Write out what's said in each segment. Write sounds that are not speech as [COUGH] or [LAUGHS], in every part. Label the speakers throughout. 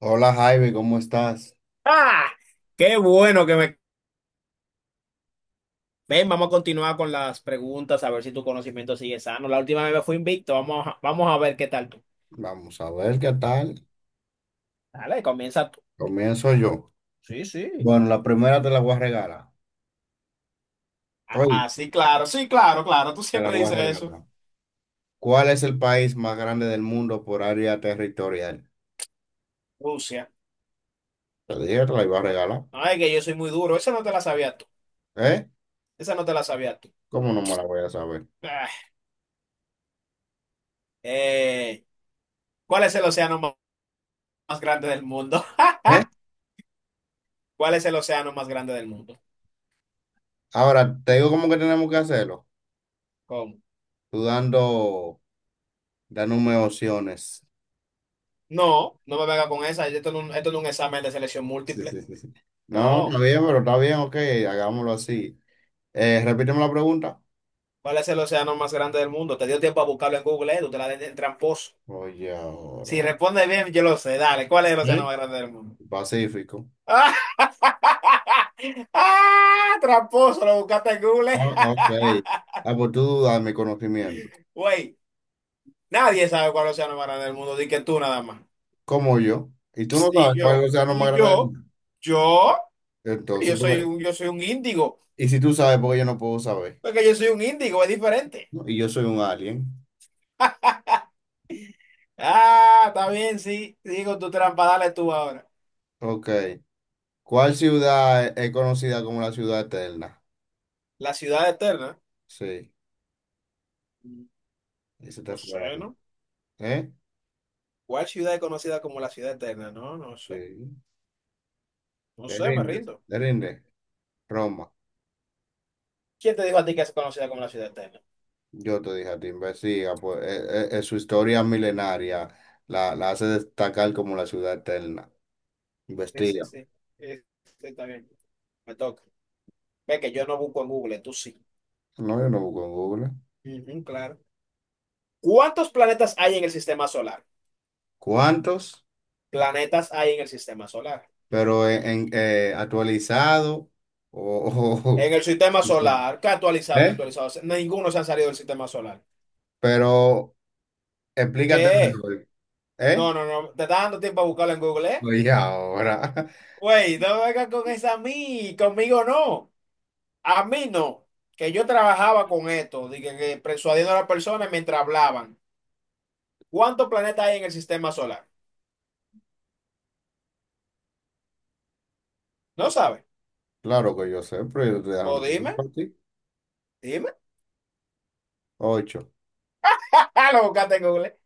Speaker 1: Hola Jaime, ¿cómo estás?
Speaker 2: ¡Ah! ¡Qué bueno que me... Ven, vamos a continuar con las preguntas, a ver si tu conocimiento sigue sano. La última vez me invicto, vamos a ver qué tal tú.
Speaker 1: Vamos a ver qué tal.
Speaker 2: Dale, comienza tú.
Speaker 1: Comienzo yo.
Speaker 2: Sí, sí.
Speaker 1: Bueno, la primera te la voy a regalar. Oye,
Speaker 2: Ah, sí, claro, sí, claro, claro, tú
Speaker 1: te la
Speaker 2: siempre
Speaker 1: voy a
Speaker 2: dices eso.
Speaker 1: regalar. ¿Cuál es el país más grande del mundo por área territorial?
Speaker 2: Rusia.
Speaker 1: Te dije, te la iba a regalar.
Speaker 2: No es que yo soy muy duro, esa no te la sabías tú,
Speaker 1: ¿Eh?
Speaker 2: esa no te la sabías tú.
Speaker 1: ¿Cómo no me la voy a saber?
Speaker 2: Ah, eh, ¿cuál es el océano más grande del mundo?
Speaker 1: ¿Eh?
Speaker 2: [LAUGHS] ¿Cuál es el océano más grande del mundo?
Speaker 1: Ahora, te digo cómo que tenemos que hacerlo.
Speaker 2: ¿Cómo?
Speaker 1: Tú dándome opciones.
Speaker 2: No, no me venga con esa, esto no es un examen de selección
Speaker 1: Sí,
Speaker 2: múltiple.
Speaker 1: sí, sí, sí. No, está
Speaker 2: No.
Speaker 1: bien, pero está bien, ok, hagámoslo así. Repíteme la pregunta.
Speaker 2: ¿Cuál es el océano más grande del mundo? Te dio tiempo a buscarlo en Google, tú te la des el tramposo.
Speaker 1: Oye,
Speaker 2: Si
Speaker 1: ahora.
Speaker 2: responde bien, yo lo sé. Dale, ¿cuál es el océano
Speaker 1: ¿Eh?
Speaker 2: más grande del mundo?
Speaker 1: Pacífico.
Speaker 2: [LAUGHS] ¡Ah! Tramposo, lo buscaste en Google.
Speaker 1: Ah, ah, ok.
Speaker 2: [LAUGHS]
Speaker 1: Ah, pues tú dame conocimiento,
Speaker 2: Güey, nadie sabe cuál es el océano más grande del mundo, di que tú nada más.
Speaker 1: como yo. Y tú no
Speaker 2: Y
Speaker 1: sabes cuál es el
Speaker 2: yo,
Speaker 1: océano
Speaker 2: y
Speaker 1: más grande del
Speaker 2: yo,
Speaker 1: mundo.
Speaker 2: yo,
Speaker 1: Entonces,
Speaker 2: yo soy un índigo.
Speaker 1: y si tú sabes, porque yo no puedo saber.
Speaker 2: Porque yo soy un índigo, es diferente.
Speaker 1: ¿No? Y yo soy un alien.
Speaker 2: Ah, está bien, sí. Digo tu trampa, dale tú ahora.
Speaker 1: Ok. ¿Cuál ciudad es conocida como la ciudad eterna?
Speaker 2: La ciudad eterna.
Speaker 1: Sí, ese te
Speaker 2: No
Speaker 1: fue
Speaker 2: sé,
Speaker 1: algo.
Speaker 2: ¿no?
Speaker 1: ¿Eh?
Speaker 2: ¿Cuál ciudad es conocida como la ciudad eterna? No, no sé.
Speaker 1: Sí.
Speaker 2: No
Speaker 1: Te
Speaker 2: sé, me
Speaker 1: rindes,
Speaker 2: rindo.
Speaker 1: te rindes. Roma.
Speaker 2: ¿Quién te dijo a ti que es conocida como la ciudad eterna?
Speaker 1: Yo te dije a ti, investiga, pues su historia milenaria la hace destacar como la ciudad eterna.
Speaker 2: Sí, sí,
Speaker 1: Investiga.
Speaker 2: sí. Sí, está bien. Me toca. Ve que yo no busco en Google, tú sí.
Speaker 1: No, yo no busco en Google.
Speaker 2: Ujú, claro. ¿Cuántos planetas hay en el sistema solar?
Speaker 1: Cuántos,
Speaker 2: Planetas hay en el sistema solar.
Speaker 1: pero actualizado o, [LAUGHS]
Speaker 2: En
Speaker 1: o-
Speaker 2: el sistema solar, ¿qué actualizado, no
Speaker 1: ¿Eh?
Speaker 2: actualizado? Ninguno se han salido del sistema solar.
Speaker 1: Pero explícate
Speaker 2: ¿Qué?
Speaker 1: mejor, ¿eh?
Speaker 2: No, no, no. Te está dando tiempo a buscarlo en Google, ¿eh?
Speaker 1: Oye, ahora,
Speaker 2: Güey, no vengas con esa a mí. Conmigo no. A mí no, que yo trabajaba con esto, de que persuadiendo a las personas mientras hablaban. ¿Cuántos planetas hay en el sistema solar? ¿No sabes?
Speaker 1: [LAUGHS] claro que yo sé, pero yo te dando
Speaker 2: Pues dime,
Speaker 1: tiempo ti.
Speaker 2: dime.
Speaker 1: Ocho.
Speaker 2: [LAUGHS] Lo buscaste en Google.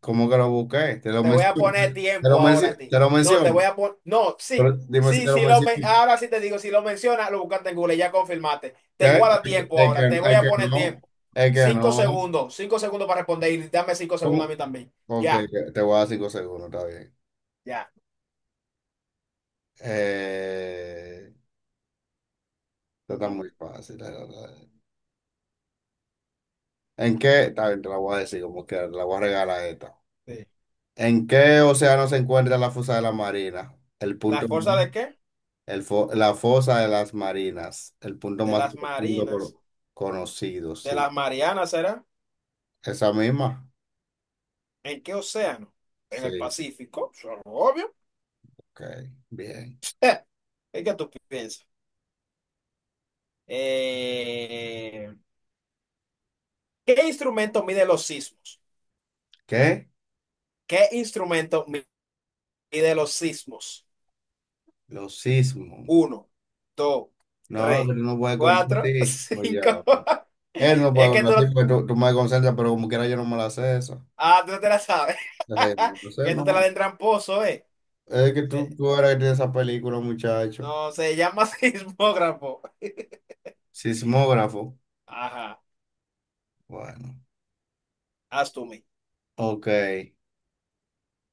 Speaker 1: ¿Cómo que lo busqué? Te lo
Speaker 2: Te voy a
Speaker 1: menciono.
Speaker 2: poner
Speaker 1: Te lo
Speaker 2: tiempo ahora
Speaker 1: menciono.
Speaker 2: a ti.
Speaker 1: Te lo
Speaker 2: No, te voy
Speaker 1: menciono.
Speaker 2: a poner. No, sí,
Speaker 1: Pero dime si
Speaker 2: sí.
Speaker 1: te lo menciono.
Speaker 2: Ahora sí te digo, si lo mencionas, lo buscaste en Google, ya confirmaste.
Speaker 1: ¿Qué?
Speaker 2: Te
Speaker 1: Es
Speaker 2: guarda
Speaker 1: que,
Speaker 2: tiempo
Speaker 1: es que,
Speaker 2: ahora, te voy
Speaker 1: es
Speaker 2: a
Speaker 1: que
Speaker 2: poner
Speaker 1: no.
Speaker 2: tiempo.
Speaker 1: Es que
Speaker 2: Cinco
Speaker 1: no.
Speaker 2: segundos, 5 segundos para responder y dame 5 segundos a
Speaker 1: ¿Cómo?
Speaker 2: mí también.
Speaker 1: Ok,
Speaker 2: Ya,
Speaker 1: te voy a dar cinco segundos, está bien.
Speaker 2: ya.
Speaker 1: Eh, Esto está
Speaker 2: Ujú,
Speaker 1: muy fácil. ¿En qué? Está bien, te la voy a decir como que la voy a regalar esta.
Speaker 2: sí.
Speaker 1: ¿En qué océano se encuentra la fosa de la marina? El punto
Speaker 2: ¿La
Speaker 1: más,
Speaker 2: fuerza de qué?
Speaker 1: la fosa de las marinas, el punto
Speaker 2: De
Speaker 1: más
Speaker 2: las
Speaker 1: profundo
Speaker 2: marinas.
Speaker 1: conocido,
Speaker 2: De
Speaker 1: sí.
Speaker 2: las Marianas será.
Speaker 1: ¿Esa misma?
Speaker 2: ¿En qué océano? En el
Speaker 1: Sí,
Speaker 2: Pacífico, eso es obvio.
Speaker 1: ok, bien.
Speaker 2: ¿Y qué tú piensas? Eh, ¿Qué instrumento mide los sismos?
Speaker 1: ¿Qué?
Speaker 2: ¿Qué instrumento mide los sismos?
Speaker 1: Los sismos.
Speaker 2: Uno, dos,
Speaker 1: No,
Speaker 2: tres,
Speaker 1: pero no puede conocer,
Speaker 2: cuatro, [LAUGHS]
Speaker 1: sí. Oye,
Speaker 2: cinco.
Speaker 1: él no
Speaker 2: Es
Speaker 1: puede
Speaker 2: que tú,
Speaker 1: conocer, porque tú me concentras, pero como quiera yo no me la sé eso.
Speaker 2: ah, tú no te la sabes. [LAUGHS]
Speaker 1: Entonces,
Speaker 2: Que tú te la
Speaker 1: no.
Speaker 2: den tramposo, ¿eh?
Speaker 1: Es que tú,
Speaker 2: Se-
Speaker 1: tú eres que tienes esa película, muchacho.
Speaker 2: no, se llama [LAUGHS] sismógrafo.
Speaker 1: Sismógrafo.
Speaker 2: Ajá,
Speaker 1: Bueno,
Speaker 2: haz tú, mi.
Speaker 1: ok.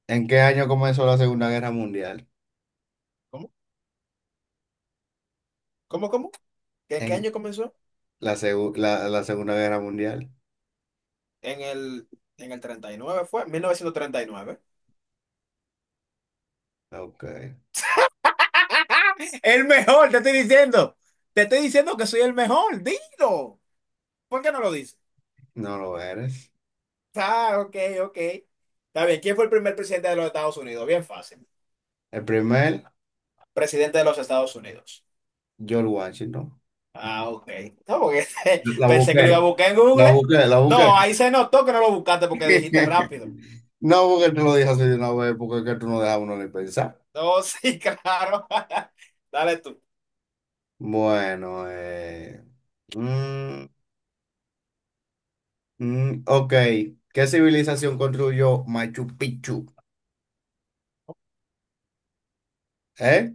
Speaker 1: ¿En qué año comenzó la Segunda Guerra Mundial?
Speaker 2: ¿Cómo? ¿Cómo? ¿Qué,
Speaker 1: En
Speaker 2: qué año comenzó?
Speaker 1: la Segunda Guerra Mundial.
Speaker 2: En el, en el 39 fue, 1939.
Speaker 1: Ok,
Speaker 2: El mejor, te estoy diciendo. Te estoy diciendo que soy el mejor. Dilo. ¿Por qué no lo dices?
Speaker 1: no lo eres.
Speaker 2: Ah, ok, ok. Está bien, ¿quién fue el primer presidente de los Estados Unidos? Bien fácil.
Speaker 1: El primer,
Speaker 2: Presidente de los Estados Unidos.
Speaker 1: George Washington.
Speaker 2: Ah, ok. No, porque [LAUGHS]
Speaker 1: La
Speaker 2: pensé que lo iba a
Speaker 1: busqué,
Speaker 2: buscar en
Speaker 1: la
Speaker 2: Google.
Speaker 1: busqué, la busqué.
Speaker 2: No, ahí se notó que no lo buscaste porque dijiste
Speaker 1: [LAUGHS]
Speaker 2: rápido.
Speaker 1: No, porque tú lo dije así de una vez, porque es que tú no dejas a uno ni pensar.
Speaker 2: No, [LAUGHS] sí, claro. [LAUGHS] Dale tú.
Speaker 1: Bueno, mm, ok. ¿Qué civilización construyó Machu Picchu? ¿Eh?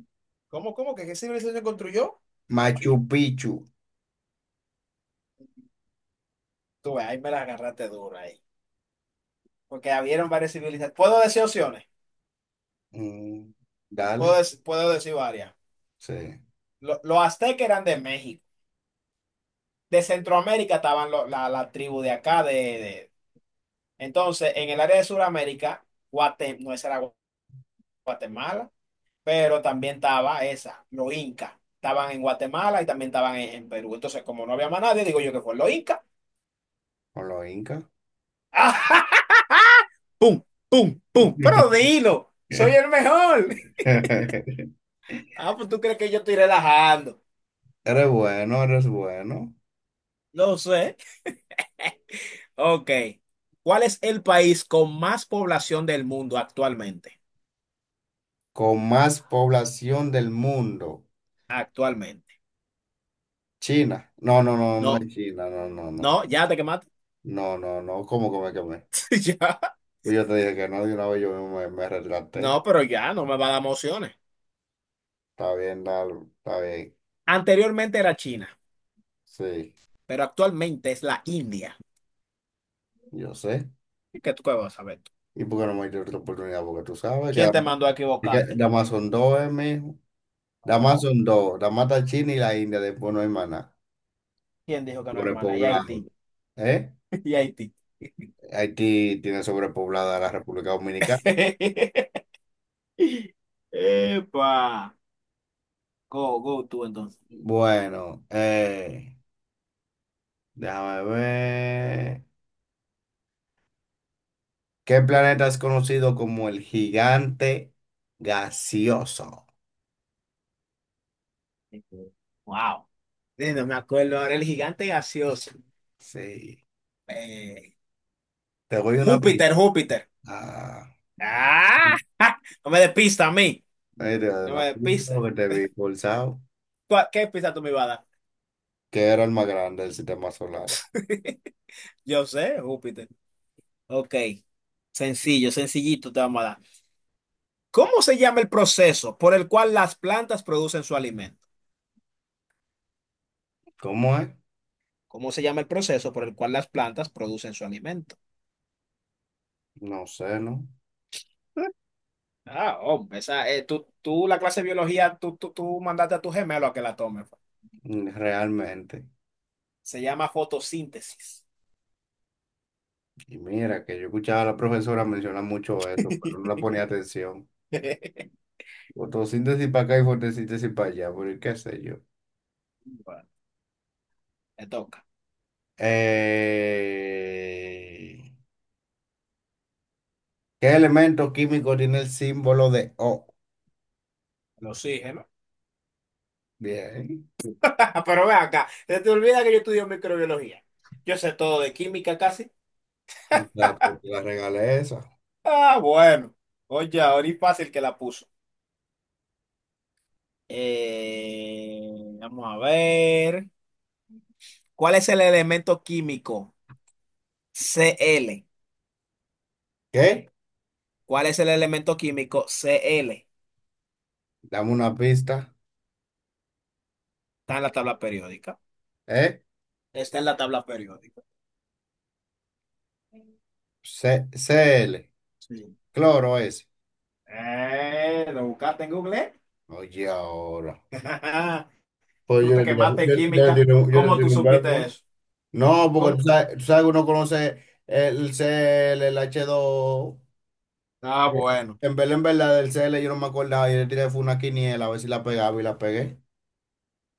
Speaker 2: ¿Cómo que qué civilización construyó? Machu.
Speaker 1: Machu Picchu.
Speaker 2: Tú, ves, ahí me la agarraste dura ahí. Porque habieron varias civilizaciones. Puedo decir opciones,
Speaker 1: Mm,
Speaker 2: puedo,
Speaker 1: Dale,
Speaker 2: dec- puedo decir varias.
Speaker 1: sí,
Speaker 2: Los aztecas eran de México, de Centroamérica estaban la tribu de acá. Entonces, en el área de Sudamérica, no esa era Guatemala, pero también estaba esa, los incas. Estaban en Guatemala y también estaban en Perú. Entonces, como no había más nadie, digo yo que fue los incas.
Speaker 1: con los incas.
Speaker 2: [LAUGHS] ¡Pum! ¡Pum! ¡Pum! Pero
Speaker 1: [LAUGHS]
Speaker 2: dilo, soy el mejor. [LAUGHS]
Speaker 1: Eres
Speaker 2: Ah, pues tú crees que yo estoy relajando.
Speaker 1: bueno, eres bueno.
Speaker 2: No sé. Ok. ¿Cuál es el país con más población del mundo actualmente?
Speaker 1: Con más población del mundo.
Speaker 2: Actualmente.
Speaker 1: China. No, no, no, no es
Speaker 2: No,
Speaker 1: China, no, no, no.
Speaker 2: no, ya te quemaste. [LAUGHS]
Speaker 1: No, no, no. ¿Cómo come que me quemé?
Speaker 2: Ya.
Speaker 1: Pues yo te dije que no, de una vez yo mismo me retraté.
Speaker 2: No, pero ya no me va a dar emociones.
Speaker 1: Está bien, dale, está bien.
Speaker 2: Anteriormente era China,
Speaker 1: Sí,
Speaker 2: pero actualmente es la India.
Speaker 1: yo sé.
Speaker 2: ¿Qué tú qué vas a saber, tú?
Speaker 1: ¿Y por qué no me diste otra oportunidad? Porque tú sabes que
Speaker 2: ¿Quién te mandó a
Speaker 1: Que
Speaker 2: equivocarte?
Speaker 1: Damas son dos, mijo. Damas
Speaker 2: No.
Speaker 1: son dos. Damas está China y la India, después no hay maná.
Speaker 2: ¿Quién dijo que no, hermana? Y
Speaker 1: Sobrepoblado.
Speaker 2: Haití.
Speaker 1: ¿Eh?
Speaker 2: [LAUGHS] Y Haití.
Speaker 1: Haití tiene sobrepoblada a la República Dominicana.
Speaker 2: [LAUGHS] Epa. Go, go tú entonces.
Speaker 1: Bueno, déjame ver. ¿Qué planeta es conocido como el gigante gaseoso?
Speaker 2: Wow. No me acuerdo ahora el gigante gaseoso.
Speaker 1: Sí.
Speaker 2: Eh,
Speaker 1: Te voy una pista.
Speaker 2: Júpiter, Júpiter.
Speaker 1: Ah,
Speaker 2: ¡Ah! [LAUGHS] ja, no me des pista a mí.
Speaker 1: ahí te doy
Speaker 2: No
Speaker 1: una
Speaker 2: me des
Speaker 1: pista
Speaker 2: pista.
Speaker 1: porque te vi forzado.
Speaker 2: ¿Tú a- ¿Qué pista tú me ibas a dar?
Speaker 1: ¿Qué era el más grande del sistema solar?
Speaker 2: [LAUGHS] Yo sé, Júpiter. Ok, sencillo, sencillito te vamos a dar. ¿Cómo se llama el proceso por el cual las plantas producen su alimento?
Speaker 1: ¿Cómo es?
Speaker 2: ¿Cómo se llama el proceso por el cual las plantas producen su alimento?
Speaker 1: No sé, ¿no?
Speaker 2: [LAUGHS] Ah, hombre, esa, tú la clase de biología, tú mandaste a tu gemelo a que la tome. Fa.
Speaker 1: Realmente.
Speaker 2: Se llama fotosíntesis.
Speaker 1: Y mira, que yo escuchaba a la profesora mencionar mucho eso, pero no
Speaker 2: [LAUGHS]
Speaker 1: la ponía atención. Fotosíntesis para acá y fotosíntesis para allá, pero qué sé yo.
Speaker 2: Bueno, te toca.
Speaker 1: Eh, ¿Qué elemento químico tiene el símbolo de O?
Speaker 2: El oxígeno.
Speaker 1: Bien,
Speaker 2: Ah, pero ve acá, se te olvida que yo estudio microbiología. Yo sé todo de química casi.
Speaker 1: la regalé esa.
Speaker 2: Ah, bueno. Oye, ahora es fácil que la puso. Vamos a ver. ¿Cuál es el elemento químico? Cl.
Speaker 1: ¿Qué?
Speaker 2: ¿Cuál es el elemento químico? Cl.
Speaker 1: Dame una pista.
Speaker 2: Está en la tabla periódica.
Speaker 1: ¿Eh?
Speaker 2: Está en la tabla periódica.
Speaker 1: Cl,
Speaker 2: Sí.
Speaker 1: cloro ese.
Speaker 2: ¿Lo buscaste en Google?
Speaker 1: Oye, ahora.
Speaker 2: [LAUGHS]
Speaker 1: Pues
Speaker 2: Tú te quemaste en química.
Speaker 1: yo le
Speaker 2: ¿Cómo tú
Speaker 1: tiré un verbo.
Speaker 2: supiste eso?
Speaker 1: No, porque
Speaker 2: ¿Cómo?
Speaker 1: tú sabes que uno conoce el Cl, el h dos.
Speaker 2: Ah,
Speaker 1: Eh,
Speaker 2: bueno.
Speaker 1: En verdad, del C. L. yo no me acordaba. Yo le tiré fue una quiniela a ver si la pegaba y la pegué.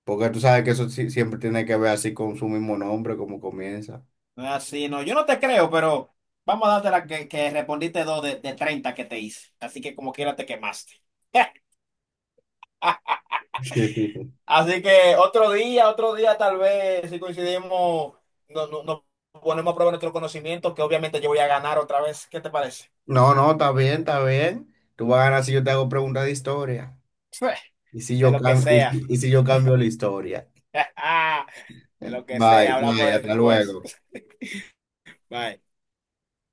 Speaker 1: Porque tú sabes que eso siempre tiene que ver así con su mismo nombre, como comienza.
Speaker 2: No es así, no. Yo no te creo, pero vamos a darte la que respondiste dos de 30 que te hice. Así que como quiera te quemaste. [LAUGHS]
Speaker 1: [LAUGHS]
Speaker 2: Así que otro día tal vez, si coincidimos, nos ponemos a prueba nuestro conocimiento, que obviamente yo voy a ganar otra vez. ¿Qué te parece?
Speaker 1: No, no, está bien, está bien. Tú vas a ganar si yo te hago preguntas de historia.
Speaker 2: Sí.
Speaker 1: Y si
Speaker 2: De
Speaker 1: yo
Speaker 2: lo que
Speaker 1: cambio, y si
Speaker 2: sea.
Speaker 1: y si yo cambio la historia.
Speaker 2: [LAUGHS] De lo que
Speaker 1: Bye,
Speaker 2: sea,
Speaker 1: bye,
Speaker 2: hablamos
Speaker 1: hasta
Speaker 2: después.
Speaker 1: luego.
Speaker 2: [LAUGHS] Bye.